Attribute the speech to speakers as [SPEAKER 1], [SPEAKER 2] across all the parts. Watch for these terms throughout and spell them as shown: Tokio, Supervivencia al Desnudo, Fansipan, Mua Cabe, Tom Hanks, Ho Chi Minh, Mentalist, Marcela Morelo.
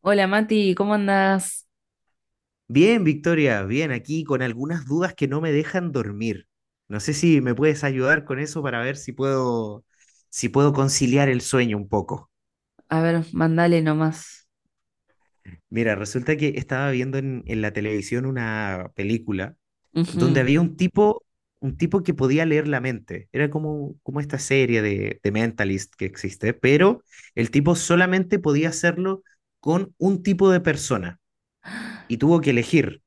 [SPEAKER 1] Hola Mati, ¿cómo andás?
[SPEAKER 2] Bien, Victoria, bien, aquí con algunas dudas que no me dejan dormir. No sé si me puedes ayudar con eso para ver si puedo, si puedo conciliar el sueño un poco.
[SPEAKER 1] A ver, mandale nomás.
[SPEAKER 2] Mira, resulta que estaba viendo en la televisión una película donde
[SPEAKER 1] Ujú.
[SPEAKER 2] había un tipo que podía leer la mente. Era como, como esta serie de Mentalist que existe, pero el tipo solamente podía hacerlo con un tipo de persona y tuvo que elegir.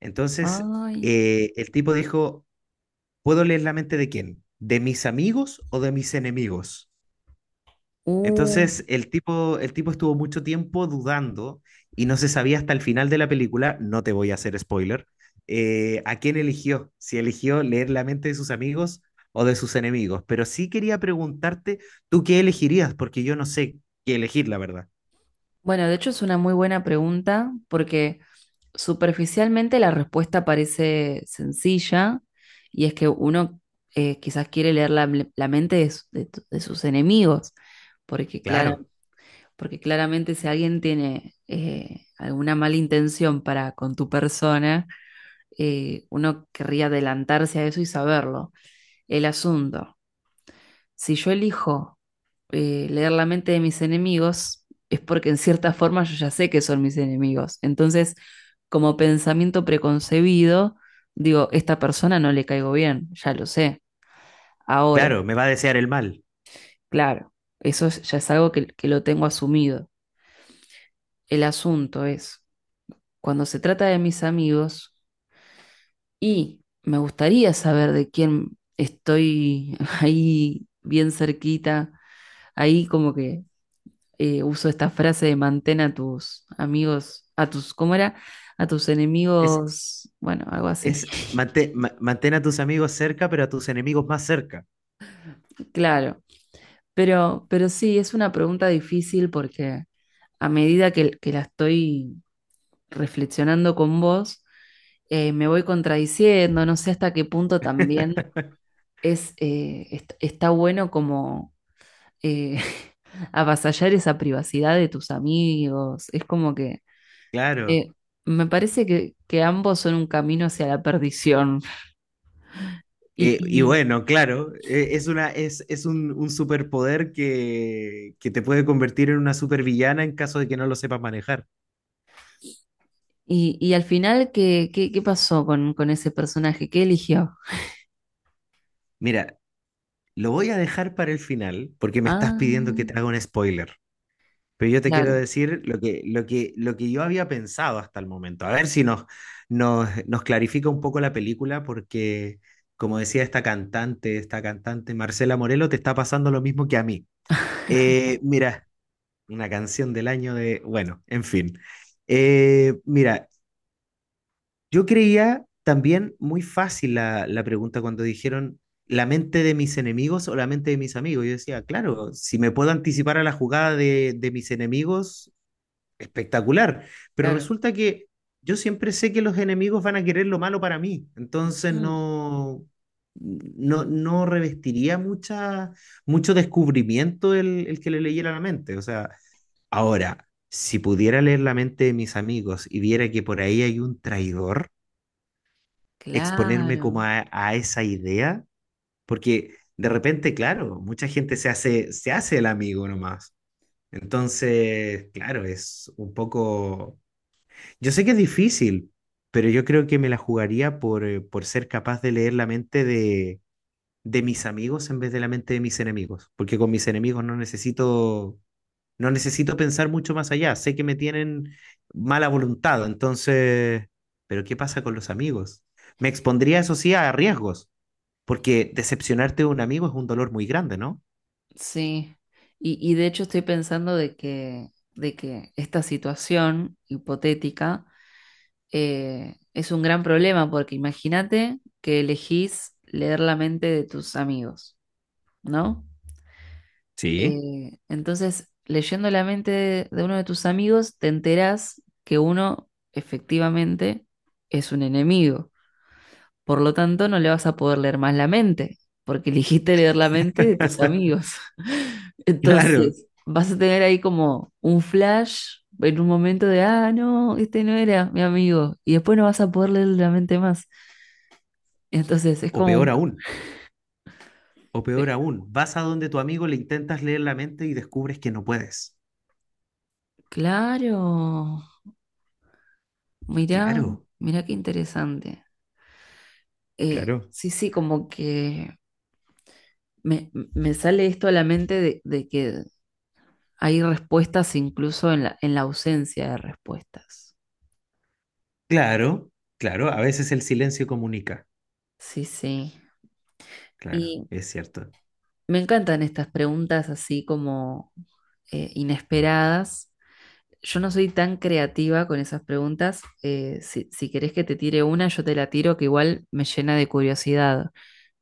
[SPEAKER 2] Entonces,
[SPEAKER 1] Ay,
[SPEAKER 2] el tipo dijo, ¿puedo leer la mente de quién? ¿De mis amigos o de mis enemigos?
[SPEAKER 1] uh.
[SPEAKER 2] Entonces, el tipo estuvo mucho tiempo dudando y no se sabía hasta el final de la película, no te voy a hacer spoiler, a quién eligió, si eligió leer la mente de sus amigos o de sus enemigos. Pero sí quería preguntarte, ¿tú qué elegirías? Porque yo no sé qué elegir, la verdad.
[SPEAKER 1] Bueno, de hecho es una muy buena pregunta porque superficialmente la respuesta parece sencilla y es que uno quizás quiere leer la mente de, de sus enemigos, porque, clara-
[SPEAKER 2] Claro,
[SPEAKER 1] porque claramente si alguien tiene alguna mala intención para con tu persona, uno querría adelantarse a eso y saberlo. El asunto. Si yo elijo leer la mente de mis enemigos, es porque en cierta forma yo ya sé que son mis enemigos. Entonces, como pensamiento preconcebido, digo, esta persona no le caigo bien, ya lo sé. Ahora,
[SPEAKER 2] claro, me va a desear el mal.
[SPEAKER 1] claro, ya es algo que lo tengo asumido. El asunto es, cuando se trata de mis amigos y me gustaría saber de quién estoy ahí bien cerquita, ahí como que uso esta frase de mantén a tus amigos, a tus, ¿cómo era? A tus
[SPEAKER 2] Es,
[SPEAKER 1] enemigos, bueno, algo así,
[SPEAKER 2] es, mantén, mantén a tus amigos cerca, pero a tus enemigos más cerca.
[SPEAKER 1] claro. Pero sí, es una pregunta difícil porque a medida que la estoy reflexionando con vos, me voy contradiciendo, no sé hasta qué punto también es, está bueno como eh, avasallar esa privacidad de tus amigos. Es como que
[SPEAKER 2] Claro.
[SPEAKER 1] eh, me parece que ambos son un camino hacia la perdición. Y,
[SPEAKER 2] Y
[SPEAKER 1] y,
[SPEAKER 2] bueno, claro, es, una, es un superpoder que te puede convertir en una supervillana en caso de que no lo sepas manejar.
[SPEAKER 1] y al final, ¿qué pasó con ese personaje? ¿Qué eligió?
[SPEAKER 2] Mira, lo voy a dejar para el final porque me estás
[SPEAKER 1] Ah,
[SPEAKER 2] pidiendo que te haga un spoiler. Pero yo te quiero
[SPEAKER 1] claro,
[SPEAKER 2] decir lo que, lo que, lo que yo había pensado hasta el momento. A ver si nos, nos, nos clarifica un poco la película porque, como decía esta cantante Marcela Morelo, te está pasando lo mismo que a mí. Mira, una canción del año de, bueno, en fin. Mira, yo creía también muy fácil la, la pregunta cuando dijeron la mente de mis enemigos o la mente de mis amigos. Yo decía, claro, si me puedo anticipar a la jugada de mis enemigos, espectacular. Pero
[SPEAKER 1] claro.
[SPEAKER 2] resulta que yo siempre sé que los enemigos van a querer lo malo para mí. Entonces
[SPEAKER 1] Mm,
[SPEAKER 2] no, no, no revestiría mucha, mucho descubrimiento el que le leyera la mente. O sea, ahora, si pudiera leer la mente de mis amigos y viera que por ahí hay un traidor, exponerme
[SPEAKER 1] claro,
[SPEAKER 2] como a esa idea, porque de repente, claro, mucha gente se hace el amigo nomás. Entonces, claro, es un poco... Yo sé que es difícil, pero yo creo que me la jugaría por ser capaz de leer la mente de mis amigos en vez de la mente de mis enemigos, porque con mis enemigos no necesito. No necesito pensar mucho más allá. Sé que me tienen mala voluntad, entonces, pero ¿qué pasa con los amigos? Me expondría, eso sí, a riesgos, porque decepcionarte de un amigo es un dolor muy grande, ¿no?
[SPEAKER 1] sí. Y de hecho estoy pensando de que esta situación hipotética es un gran problema, porque imagínate que elegís leer la mente de tus amigos, ¿no?
[SPEAKER 2] Sí.
[SPEAKER 1] Entonces, leyendo la mente de uno de tus amigos, te enterás que uno efectivamente es un enemigo. Por lo tanto, no le vas a poder leer más la mente, porque eligiste leer la mente de tus amigos.
[SPEAKER 2] Claro.
[SPEAKER 1] Entonces, vas a tener ahí como un flash en un momento de, ah, no, este no era mi amigo. Y después no vas a poder leer la mente más. Entonces, es
[SPEAKER 2] O
[SPEAKER 1] como
[SPEAKER 2] peor
[SPEAKER 1] un...
[SPEAKER 2] aún, o peor aún, vas a donde tu amigo le intentas leer la mente y descubres que no puedes.
[SPEAKER 1] Claro, mirá,
[SPEAKER 2] Claro.
[SPEAKER 1] mirá qué interesante.
[SPEAKER 2] Claro.
[SPEAKER 1] Sí, sí, como que me sale esto a la mente de que hay respuestas incluso en en la ausencia de respuestas.
[SPEAKER 2] Claro, claro, a veces el silencio comunica.
[SPEAKER 1] Sí, sí.
[SPEAKER 2] Claro,
[SPEAKER 1] Y
[SPEAKER 2] es cierto.
[SPEAKER 1] me encantan estas preguntas así como inesperadas. Yo no soy tan creativa con esas preguntas. Si querés que te tire una, yo te la tiro, que igual me llena de curiosidad,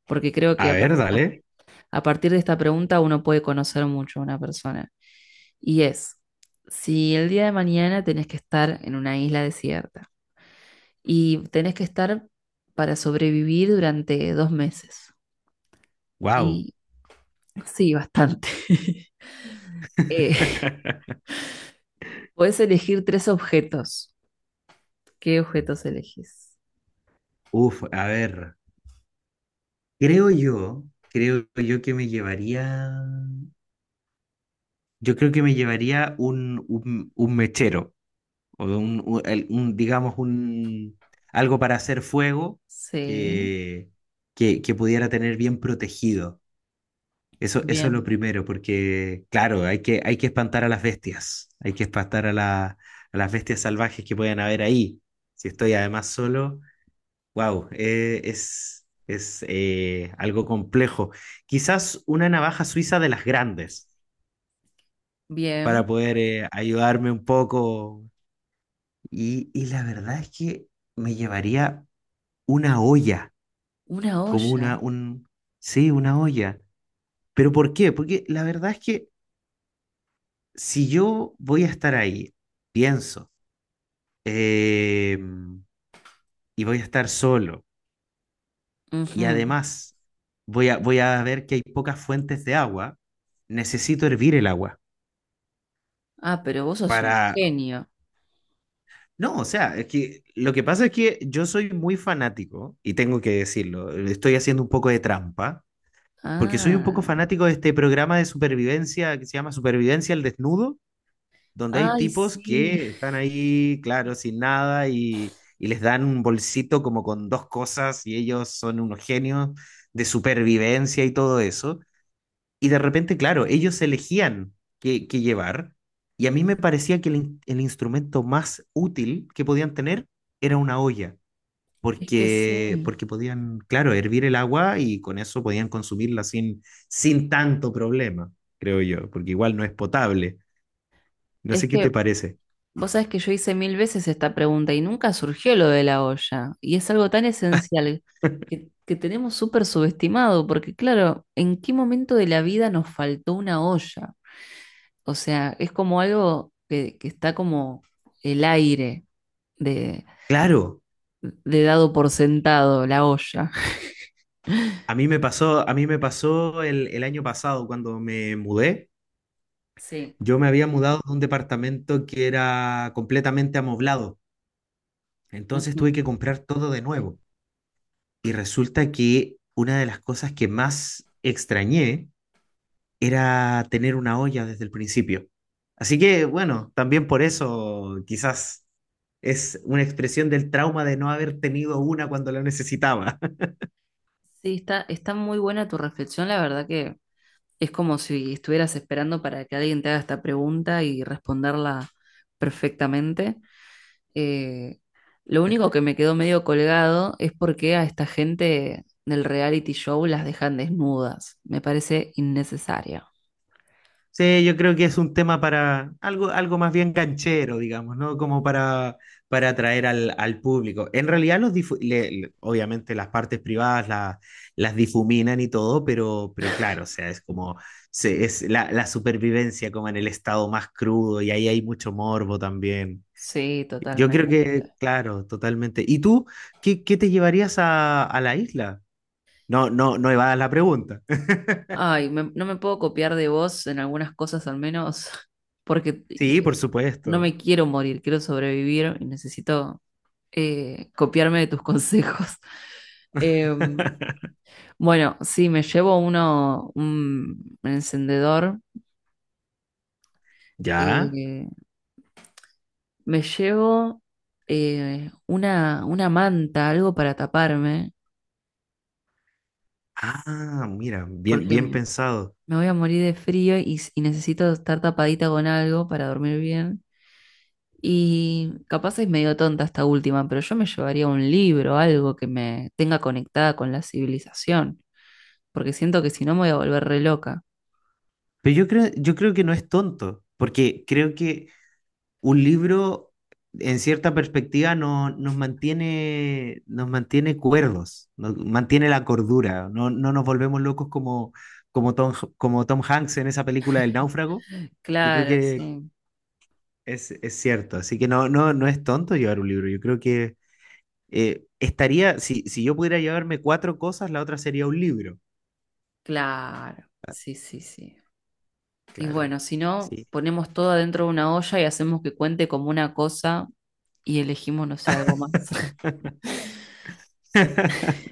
[SPEAKER 1] porque creo
[SPEAKER 2] A
[SPEAKER 1] que
[SPEAKER 2] ver, dale.
[SPEAKER 1] a partir de esta pregunta uno puede conocer mucho a una persona. Y es, si el día de mañana tenés que estar en una isla desierta y tenés que estar para sobrevivir durante dos meses.
[SPEAKER 2] Wow.
[SPEAKER 1] Y sí, bastante. Eh, podés elegir tres objetos. ¿Qué objetos elegís?
[SPEAKER 2] Uf, a ver. Creo yo que me llevaría, yo creo que me llevaría un, un mechero, o un, un, digamos, un, algo para hacer fuego
[SPEAKER 1] Sí,
[SPEAKER 2] que, que pudiera tener bien protegido. Eso es lo
[SPEAKER 1] bien,
[SPEAKER 2] primero, porque claro, hay que espantar a las bestias, hay que espantar a, a las bestias salvajes que puedan haber ahí. Si estoy además solo, wow, es algo complejo. Quizás una navaja suiza de las grandes
[SPEAKER 1] bien.
[SPEAKER 2] para poder ayudarme un poco. Y la verdad es que me llevaría una olla,
[SPEAKER 1] Una
[SPEAKER 2] como
[SPEAKER 1] olla.
[SPEAKER 2] una, un, sí, una olla. ¿Pero por qué? Porque la verdad es que si yo voy a estar ahí, pienso, em, y voy a estar solo y
[SPEAKER 1] Ujú.
[SPEAKER 2] además voy a, voy a ver que hay pocas fuentes de agua, necesito hervir el agua
[SPEAKER 1] Ah, pero vos sos un
[SPEAKER 2] para...
[SPEAKER 1] genio.
[SPEAKER 2] No, o sea, es que lo que pasa es que yo soy muy fanático, y tengo que decirlo, estoy haciendo un poco de trampa, porque soy un poco
[SPEAKER 1] Ah,
[SPEAKER 2] fanático de este programa de supervivencia que se llama Supervivencia al Desnudo, donde hay
[SPEAKER 1] ay,
[SPEAKER 2] tipos
[SPEAKER 1] sí.
[SPEAKER 2] que están ahí, claro, sin nada, y les dan un bolsito como con dos cosas, y ellos son unos genios de supervivencia y todo eso. Y de repente, claro, ellos elegían qué, qué llevar. Y a mí me parecía que el, el instrumento más útil que podían tener era una olla,
[SPEAKER 1] Es que sí.
[SPEAKER 2] porque, porque podían, claro, hervir el agua y con eso podían consumirla sin, sin tanto problema, creo yo, porque igual no es potable. No
[SPEAKER 1] Es
[SPEAKER 2] sé qué
[SPEAKER 1] que
[SPEAKER 2] te parece.
[SPEAKER 1] vos sabés que yo hice mil veces esta pregunta y nunca surgió lo de la olla. Y es algo tan esencial que tenemos súper subestimado, porque claro, ¿en qué momento de la vida nos faltó una olla? O sea, es como algo que está como el aire de,
[SPEAKER 2] Claro,
[SPEAKER 1] de dado por sentado, la olla.
[SPEAKER 2] a mí me pasó, a mí me pasó el año pasado cuando me mudé.
[SPEAKER 1] Sí.
[SPEAKER 2] Yo me había mudado a un departamento que era completamente amoblado. Entonces
[SPEAKER 1] Ujú.
[SPEAKER 2] tuve que comprar todo de nuevo. Y resulta que una de las cosas que más extrañé era tener una olla desde el principio. Así que bueno, también por eso quizás es una expresión del trauma de no haber tenido una cuando la necesitaba.
[SPEAKER 1] Sí, está, está muy buena tu reflexión, la verdad que es como si estuvieras esperando para que alguien te haga esta pregunta y responderla perfectamente. Eh, lo único que me quedó medio colgado es por qué a esta gente del reality show las dejan desnudas. Me parece innecesario.
[SPEAKER 2] Sí, yo creo que es un tema para algo, algo más bien canchero, digamos, ¿no? Como para atraer al, al público. En realidad, los obviamente las partes privadas las difuminan y todo, pero claro, o sea, es como es la, la supervivencia como en el estado más crudo y ahí hay mucho morbo también.
[SPEAKER 1] Sí,
[SPEAKER 2] Yo
[SPEAKER 1] totalmente.
[SPEAKER 2] creo que, claro, totalmente. ¿Y tú qué, qué te llevarías a la isla? No, no, no evadas la pregunta.
[SPEAKER 1] Ay, no me puedo copiar de vos en algunas cosas al menos, porque
[SPEAKER 2] Sí, por
[SPEAKER 1] no
[SPEAKER 2] supuesto.
[SPEAKER 1] me quiero morir, quiero sobrevivir y necesito copiarme de tus consejos. Em, bueno, sí, me llevo uno, un encendedor.
[SPEAKER 2] ¿Ya?
[SPEAKER 1] eh, Me llevo una manta, algo para taparme,
[SPEAKER 2] Ah, mira, bien,
[SPEAKER 1] porque
[SPEAKER 2] bien pensado.
[SPEAKER 1] me voy a morir de frío y necesito estar tapadita con algo para dormir bien. Y capaz es medio tonta esta última, pero yo me llevaría un libro, algo que me tenga conectada con la civilización, porque siento que si no me voy a volver re loca.
[SPEAKER 2] Pero yo creo que no es tonto, porque creo que un libro, en cierta perspectiva, no, nos mantiene cuerdos, nos mantiene la cordura, no, no nos volvemos locos como, como Tom Hanks en esa película del náufrago. Yo creo
[SPEAKER 1] Claro,
[SPEAKER 2] que
[SPEAKER 1] sí,
[SPEAKER 2] es cierto, así que no, no, no es tonto llevar un libro. Yo creo que estaría, si, si yo pudiera llevarme cuatro cosas, la otra sería un libro.
[SPEAKER 1] claro. Sí, sí, sí. Y
[SPEAKER 2] Claro,
[SPEAKER 1] bueno, si no,
[SPEAKER 2] sí.
[SPEAKER 1] ponemos todo adentro de una olla y hacemos que cuente como una cosa y elegimos, no sé, algo más.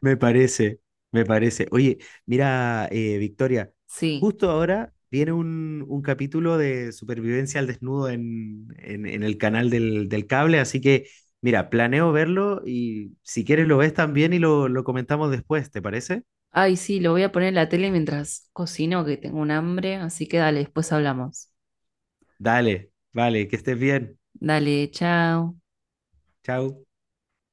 [SPEAKER 2] Me parece, me parece. Oye, mira, Victoria,
[SPEAKER 1] Sí.
[SPEAKER 2] justo ahora viene un capítulo de supervivencia al desnudo en el canal del, del cable, así que mira, planeo verlo y si quieres lo ves también y lo comentamos después, ¿te parece?
[SPEAKER 1] Ay, sí, lo voy a poner en la tele mientras cocino, que tengo un hambre, así que dale, después hablamos.
[SPEAKER 2] Dale, vale, que estés bien.
[SPEAKER 1] Dale, chao.
[SPEAKER 2] Chao.